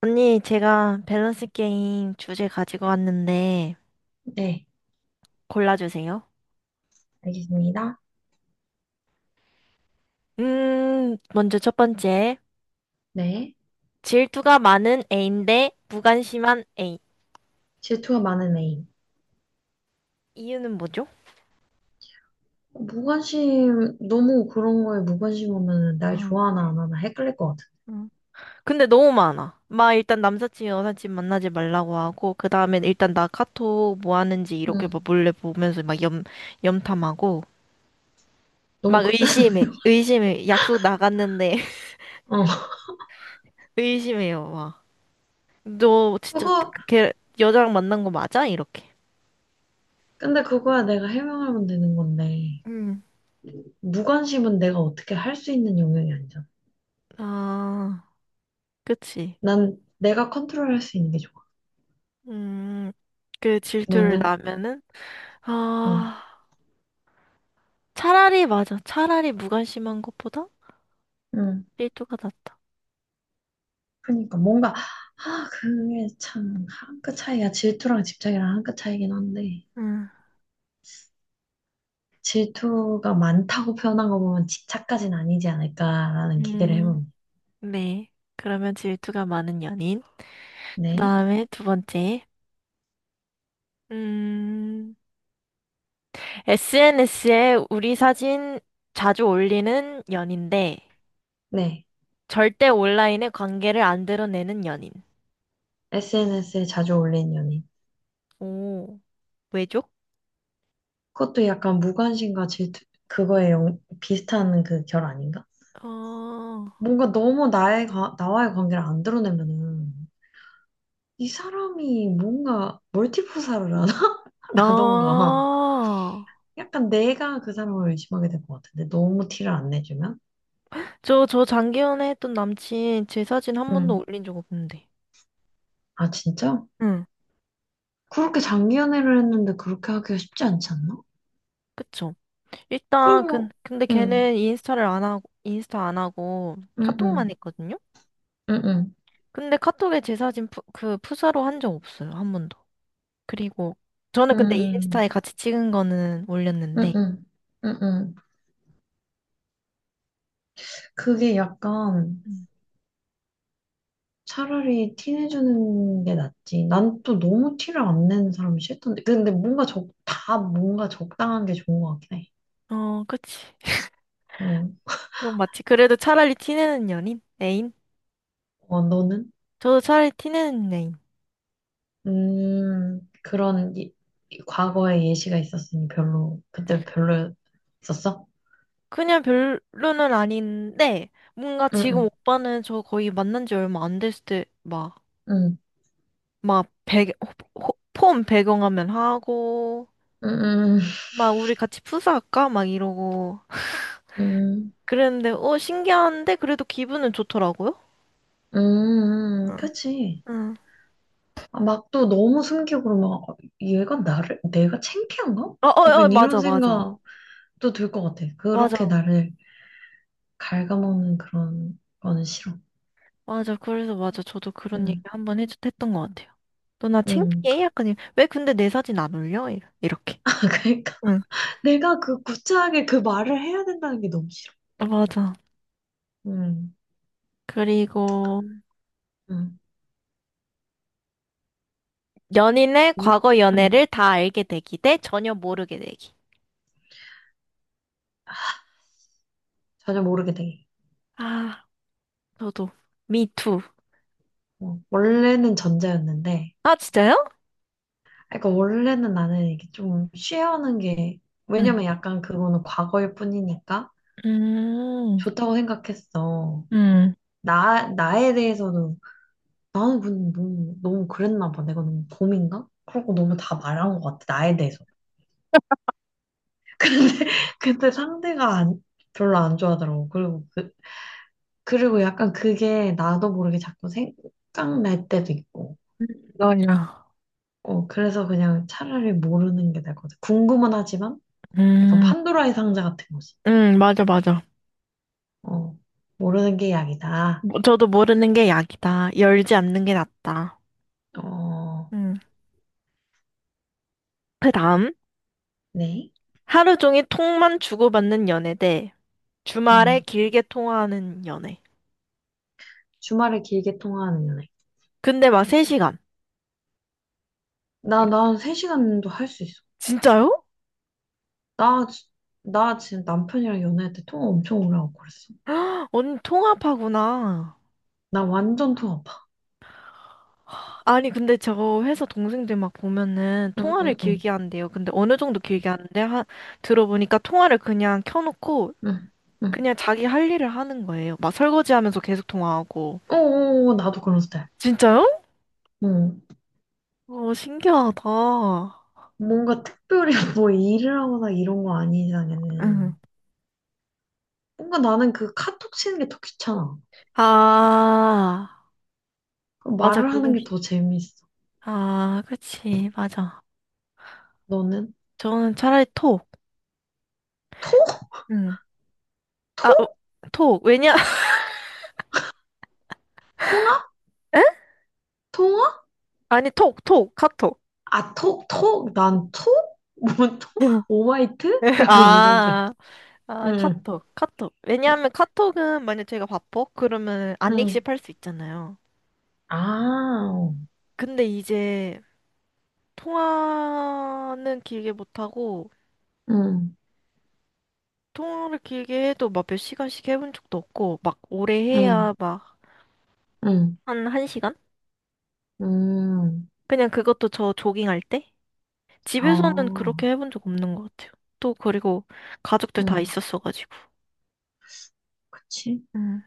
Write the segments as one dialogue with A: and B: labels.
A: 언니, 제가 밸런스 게임 주제 가지고 왔는데
B: 네,
A: 골라주세요.
B: 알겠습니다.
A: 먼저 첫 번째.
B: 네.
A: 질투가 많은 애인 데 무관심한 애인.
B: 질투가 많은 애인.
A: 이유는 뭐죠?
B: 무관심, 너무 그런 거에 무관심 하면 날
A: 어,
B: 좋아하나 안 하나 헷갈릴 것 같아.
A: 어. 근데 너무 많아. 막 일단 남사친, 여사친 만나지 말라고 하고, 그 다음에 일단 나 카톡 뭐 하는지 이렇게
B: 응,
A: 막 몰래 보면서 염탐하고,
B: 너무
A: 막
B: 극단,
A: 의심해. 의심해. 약속 나갔는데
B: 어.
A: 의심해요, 막. 너 진짜
B: 그거,
A: 걔 여자랑 만난 거 맞아? 이렇게.
B: 근데 그거야 내가 해명하면 되는 건데.
A: 음.
B: 무관심은 내가 어떻게 할 수 있는 영역이 아니잖아.
A: 아, 그치.
B: 난 내가 컨트롤할 수 있는 게 좋아.
A: 음, 그 질투를
B: 너는?
A: 나면은,
B: 응,
A: 아, 차라리 맞아. 차라리 무관심한 것보다
B: 응.
A: 질투가 낫다.
B: 그러니까 뭔가, 아, 그게 참, 한 끗 차이야. 질투랑 집착이랑 한 끗 차이긴 한데.
A: 음,
B: 질투가 많다고 표현한 거 보면 집착까지는 아니지 않을까라는 기대를
A: 음,
B: 해봅니다.
A: 네. 그러면 질투가 많은 연인. 그
B: 네.
A: 다음에 두 번째. 음, SNS에 우리 사진 자주 올리는 연인데,
B: 네.
A: 절대 온라인에 관계를 안 드러내는 연인.
B: SNS에 자주 올린 연인.
A: 오, 왜죠?
B: 그것도 약간 무관심과 질투, 그거에 비슷한 그 결 아닌가?
A: 어,
B: 뭔가 너무 나의, 나와의 관계를 안 드러내면은 이 사람이 뭔가 멀티포사를 하나?
A: 나
B: 라던가. 약간 내가 그 사람을 의심하게 될 것 같은데. 너무 티를 안 내주면?
A: 저 장기연애 했던 남친 제 사진 한 번도
B: 음.
A: 올린 적 없는데.
B: 아, 진짜?
A: 응,
B: 그렇게 장기 연애를 했는데 그렇게 하기가 쉽지 않지 않나?
A: 그쵸?
B: 그럼,
A: 근데
B: 응,
A: 걔는 인스타를 안 하고, 인스타 안 하고
B: 응,
A: 카톡만
B: 응,
A: 했거든요?
B: 응, 응,
A: 근데 카톡에 그 프사로 한 적 없어요. 한 번도. 그리고 저는 근데
B: 응,
A: 인스타에 같이 찍은 거는
B: 응,
A: 올렸는데.
B: 응, 응, 응. 그게 약간
A: 음.
B: 차라리 티 내주는 게 낫지. 난 또 너무 티를 안 내는 사람이 싫던데. 근데 뭔가 적, 다 뭔가 적당한 게 좋은 것 같긴 해.
A: 어, 그치.
B: 응.
A: 이건 마치 그래도 차라리 티내는 연인? 애인?
B: 어, 너는?
A: 저도 차라리 티내는 애인.
B: 그런 이, 이 과거의 예시가 있었으니 별로, 그때 별로였었어?
A: 그냥 별로는 아닌데, 뭔가
B: 응,
A: 지금
B: 응,
A: 오빠는 저 거의 만난 지 얼마 안 됐을 때, 막,
B: 응,
A: 막, 배경, 폰 배경화면 하고,
B: 응, 응,
A: 막, 우리 같이 푸사할까? 막 이러고.
B: 응, 응,
A: 그랬는데, 어, 신기한데, 그래도 기분은 좋더라고요?
B: 응, 응, 그치.
A: 응.
B: 막 또 너무 숨기고 그러면 아, 얘가 나를 내가 창피한가?
A: 어, 어, 어,
B: 약간 이런
A: 맞아, 맞아.
B: 생각도 들 것 같아. 그렇게
A: 맞아.
B: 나를 갉아먹는 그런 거는 싫어.
A: 맞아. 그래서 맞아. 저도 그런 얘기
B: 응,
A: 했던 것 같아요. 너 나
B: 응.
A: 창피해? 약간, 이- 왜 근데 내 사진 안 올려? 이- 이렇게.
B: 그러니까
A: 응.
B: 내가 그 구차하게 그 말을 해야 된다는 게 너무 싫어.
A: 맞아.
B: 응,
A: 그리고,
B: 응,
A: 연인의
B: 응.
A: 과거
B: 응.
A: 연애를 다 알게 되기 대 전혀 모르게 되기.
B: 전혀 모르게 돼.
A: 아, 저도. 미투.
B: 어, 원래는 전자였는데,
A: 아, 진짜요?
B: 아, 그러니까 원래는 나는 이게 좀 쉬어하는 게
A: 음,
B: 왜냐면 약간 그거는 과거일 뿐이니까
A: 음,
B: 좋다고 생각했어.
A: 음,
B: 나, 나에 대해서는, 나는 근데 너무, 너무 그랬나 봐. 내가 너무 곰인가? 그러고 너무 다 말한 것 같아, 나에 대해서. 근데, 근데 상대가 별로 안 좋아하더라고. 그리고, 그, 그리고 약간 그게 나도 모르게 자꾸 생각날 때도 있고.
A: 너냐.
B: 어, 그래서 그냥 차라리 모르는 게 나을 것 같아. 궁금은 하지만, 약간
A: 음,
B: 판도라의 상자 같은 거지.
A: 맞아, 맞아.
B: 어, 모르는 게 약이다.
A: 뭐, 저도 모르는 게 약이다. 열지 않는 게 낫다.
B: 어,
A: 음. 그 다음,
B: 네.
A: 하루 종일 톡만 주고받는 연애 대 주말에
B: 음,
A: 길게 통화하는 연애.
B: 주말에 길게 통화하는 연애.
A: 근데 막 3시간.
B: 나, 난 3시간도 할 수 있어.
A: 진짜요?
B: 나, 나 지금 남편이랑 연애할 때 통화 엄청 오래 하고 그랬어.
A: 언니 통화파구나.
B: 나 완전 통화 봐.
A: 아니, 근데 저 회사 동생들 막 보면은
B: 응,
A: 통화를
B: 응, 응,
A: 길게 한대요. 근데 어느 정도 길게 하는데, 하, 들어보니까 통화를 그냥 켜놓고
B: 응, 응.
A: 그냥 자기 할 일을 하는 거예요. 막 설거지 하면서 계속 통화하고.
B: 어, 어, 어, 나도 그런 스타일.
A: 진짜요?
B: 응.
A: 어, 신기하다.
B: 뭔가 특별히 뭐 일을 하거나 이런 거 아닌
A: 응.
B: 이상에는. 뭔가 나는 그 카톡 치는 게 더 귀찮아.
A: 아,
B: 그
A: 맞아.
B: 말을 하는 게 더 재밌어.
A: 아, 그치. 맞아.
B: 너는?
A: 저는 차라리 톡.
B: 톡?
A: 응.
B: 톡?
A: 아, 어, 톡. 왜냐?
B: 통화?
A: 에?
B: 통화?
A: 아니, 톡, 카톡.
B: 아, 톡, 톡? 난 톡? 뭐, 톡? 오마이트? 약간 이건 줄 알았어.
A: 아. 아,
B: 응,
A: 카톡. 왜냐하면 카톡은 만약 제가 바빠? 그러면 안
B: 응.
A: 읽씹할 수 있잖아요.
B: 아,
A: 근데 이제 통화는 길게 못하고,
B: 응,
A: 통화를 길게 해도 막 몇 시간씩 해본 적도 없고, 막 오래
B: 응.
A: 해야
B: 응,
A: 한 시간?
B: 음,
A: 그냥 그것도 저 조깅할 때?
B: 아,
A: 집에서는 그렇게 해본 적 없는 것 같아요. 또 그리고 가족들 다
B: 응,
A: 있었어가지고.
B: 그치?
A: 음,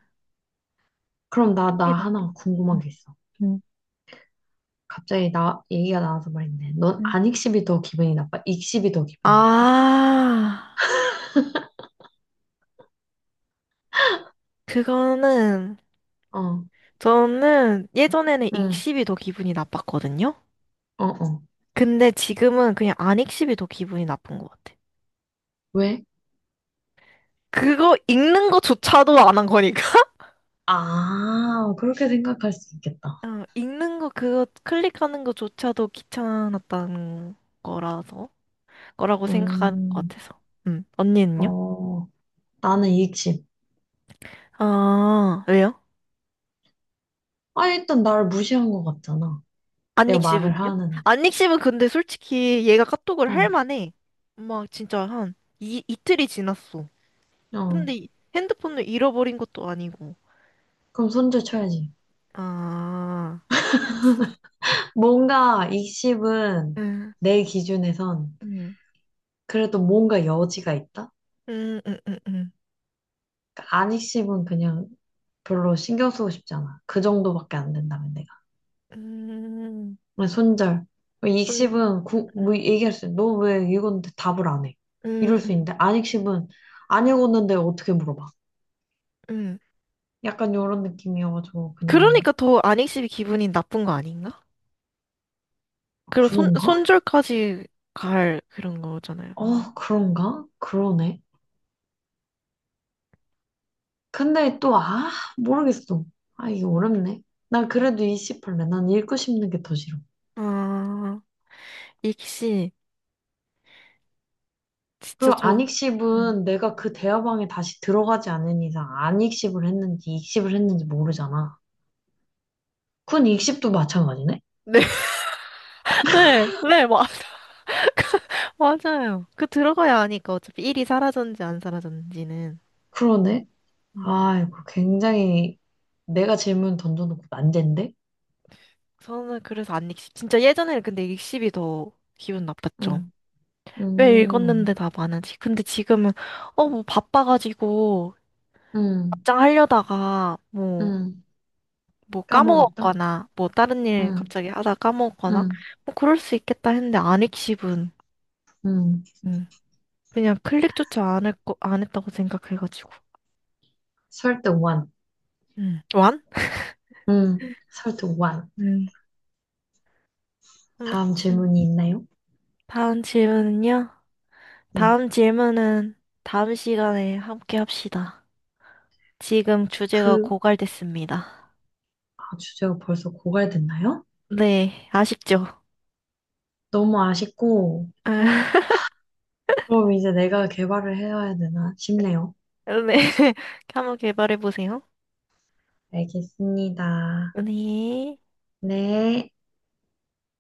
A: 그럼
B: 그럼 나,
A: 통이
B: 나
A: 났대.
B: 하나
A: 음,
B: 궁금한 게 있어.
A: 음.
B: 갑자기 나, 얘기가 나와서 말인데, 넌
A: 음.
B: 안익십이 더 기분이 나빠? 익십이 더 기분이 나빠?
A: 아, 그거는
B: 어,
A: 저는 예전에는
B: 응,
A: 익십이 더 기분이 나빴거든요.
B: 어, 어.
A: 근데 지금은 그냥 안 익십이 더 기분이 나쁜 것 같아.
B: 왜?
A: 그거 읽는 거조차도 안 한 거니까.
B: 아, 그렇게 생각할 수 있겠다.
A: 어, 읽는 거 그거 클릭하는 거조차도 귀찮았다는 거라서 거라고 생각하는 것
B: 음,
A: 같아서. 언니는요?
B: 어, 나는 익십.
A: 아, 왜요?
B: 아, 일단 나를 무시한 것 같잖아.
A: 안
B: 내가 말을
A: 익십은요?
B: 하는데.
A: 안 익십은 근데 솔직히 얘가 카톡을 할
B: 어,
A: 만해. 막 진짜 이틀이 지났어.
B: 어.
A: 핸드폰을 잃어버린 것도 아니고.
B: 그럼 손절 쳐야지.
A: 아.
B: 뭔가 익십은
A: 음,
B: 내 기준에선
A: 음.
B: 그래도 뭔가 여지가 있다?
A: 음, 음, 음, 음,
B: 그러니까 안 익씹은 그냥 별로 신경 쓰고 싶잖아. 그 정도밖에 안 된다면 내가.
A: 음,
B: 그냥 손절.
A: 분-
B: 익씹은 구,
A: 음,
B: 뭐 얘기할 수 있어. 너왜 읽었는데 답을 안 해?
A: 음,
B: 이럴 수
A: 음.
B: 있는데 안 익씹은 안 읽었는데 어떻게 물어봐?
A: 음.
B: 약간 이런 느낌이어가지고 그냥
A: 그러니까 더 안익십이 기분이 나쁜 거 아닌가? 그리고
B: 그런가?
A: 손절까지 갈 그런 거잖아요, 언니.
B: 어, 그런가? 그러네. 근데 또 아, 모르겠어. 아, 이게 어렵네. 난
A: 음.
B: 그래도 이씹할래난 읽고 싶는 게 더 싫어.
A: 아, 익시 진짜
B: 그리고
A: 저, 음.
B: 안익십은 내가 그 대화방에 다시 들어가지 않는 이상 안익십을 했는지 익십을 했는지 모르잖아. 군 익십도 마찬가지네?
A: 네, 네, 네, 마, 맞아요. 그 들어가야 하니까 어차피 일이 사라졌는지 안 사라졌는지는.
B: 그러네?
A: 음.
B: 아이고, 굉장히 내가 질문 던져놓고 난제인데?
A: 저는 그래서 안 익십, 진짜 예전에는 근데 익십이 더 기분 나빴죠.
B: 응,
A: 왜
B: 음,
A: 읽었는데 다 많은지. 근데 지금은, 어, 뭐, 바빠가지고,
B: 음,
A: 답장하려다가, 뭐,
B: 음.
A: 뭐,
B: 까먹었다?
A: 까먹었거나, 뭐, 다른 일
B: 응,
A: 갑자기 하다 까먹었거나,
B: 응,
A: 뭐, 그럴 수 있겠다 했는데, 안 읽씹은,
B: 응.
A: 음, 그냥 클릭조차 안 했고, 안 했다고 생각해가지고,
B: 설득 원
A: 완?
B: 응, 설득 원.
A: 음,
B: 다음
A: 아무튼,
B: 질문이 있나요?
A: 다음 질문은요?
B: 네.
A: 다음 질문은 다음 시간에 함께 합시다. 지금 주제가
B: 그,
A: 고갈됐습니다.
B: 아, 주제가 벌써 고갈됐나요?
A: 네, 아쉽죠?
B: 너무 아쉽고,
A: 아.
B: 그럼 이제 내가 개발을 해야 되나 싶네요.
A: 네. 한번 개발해 보세요.
B: 알겠습니다.
A: 네.
B: 네.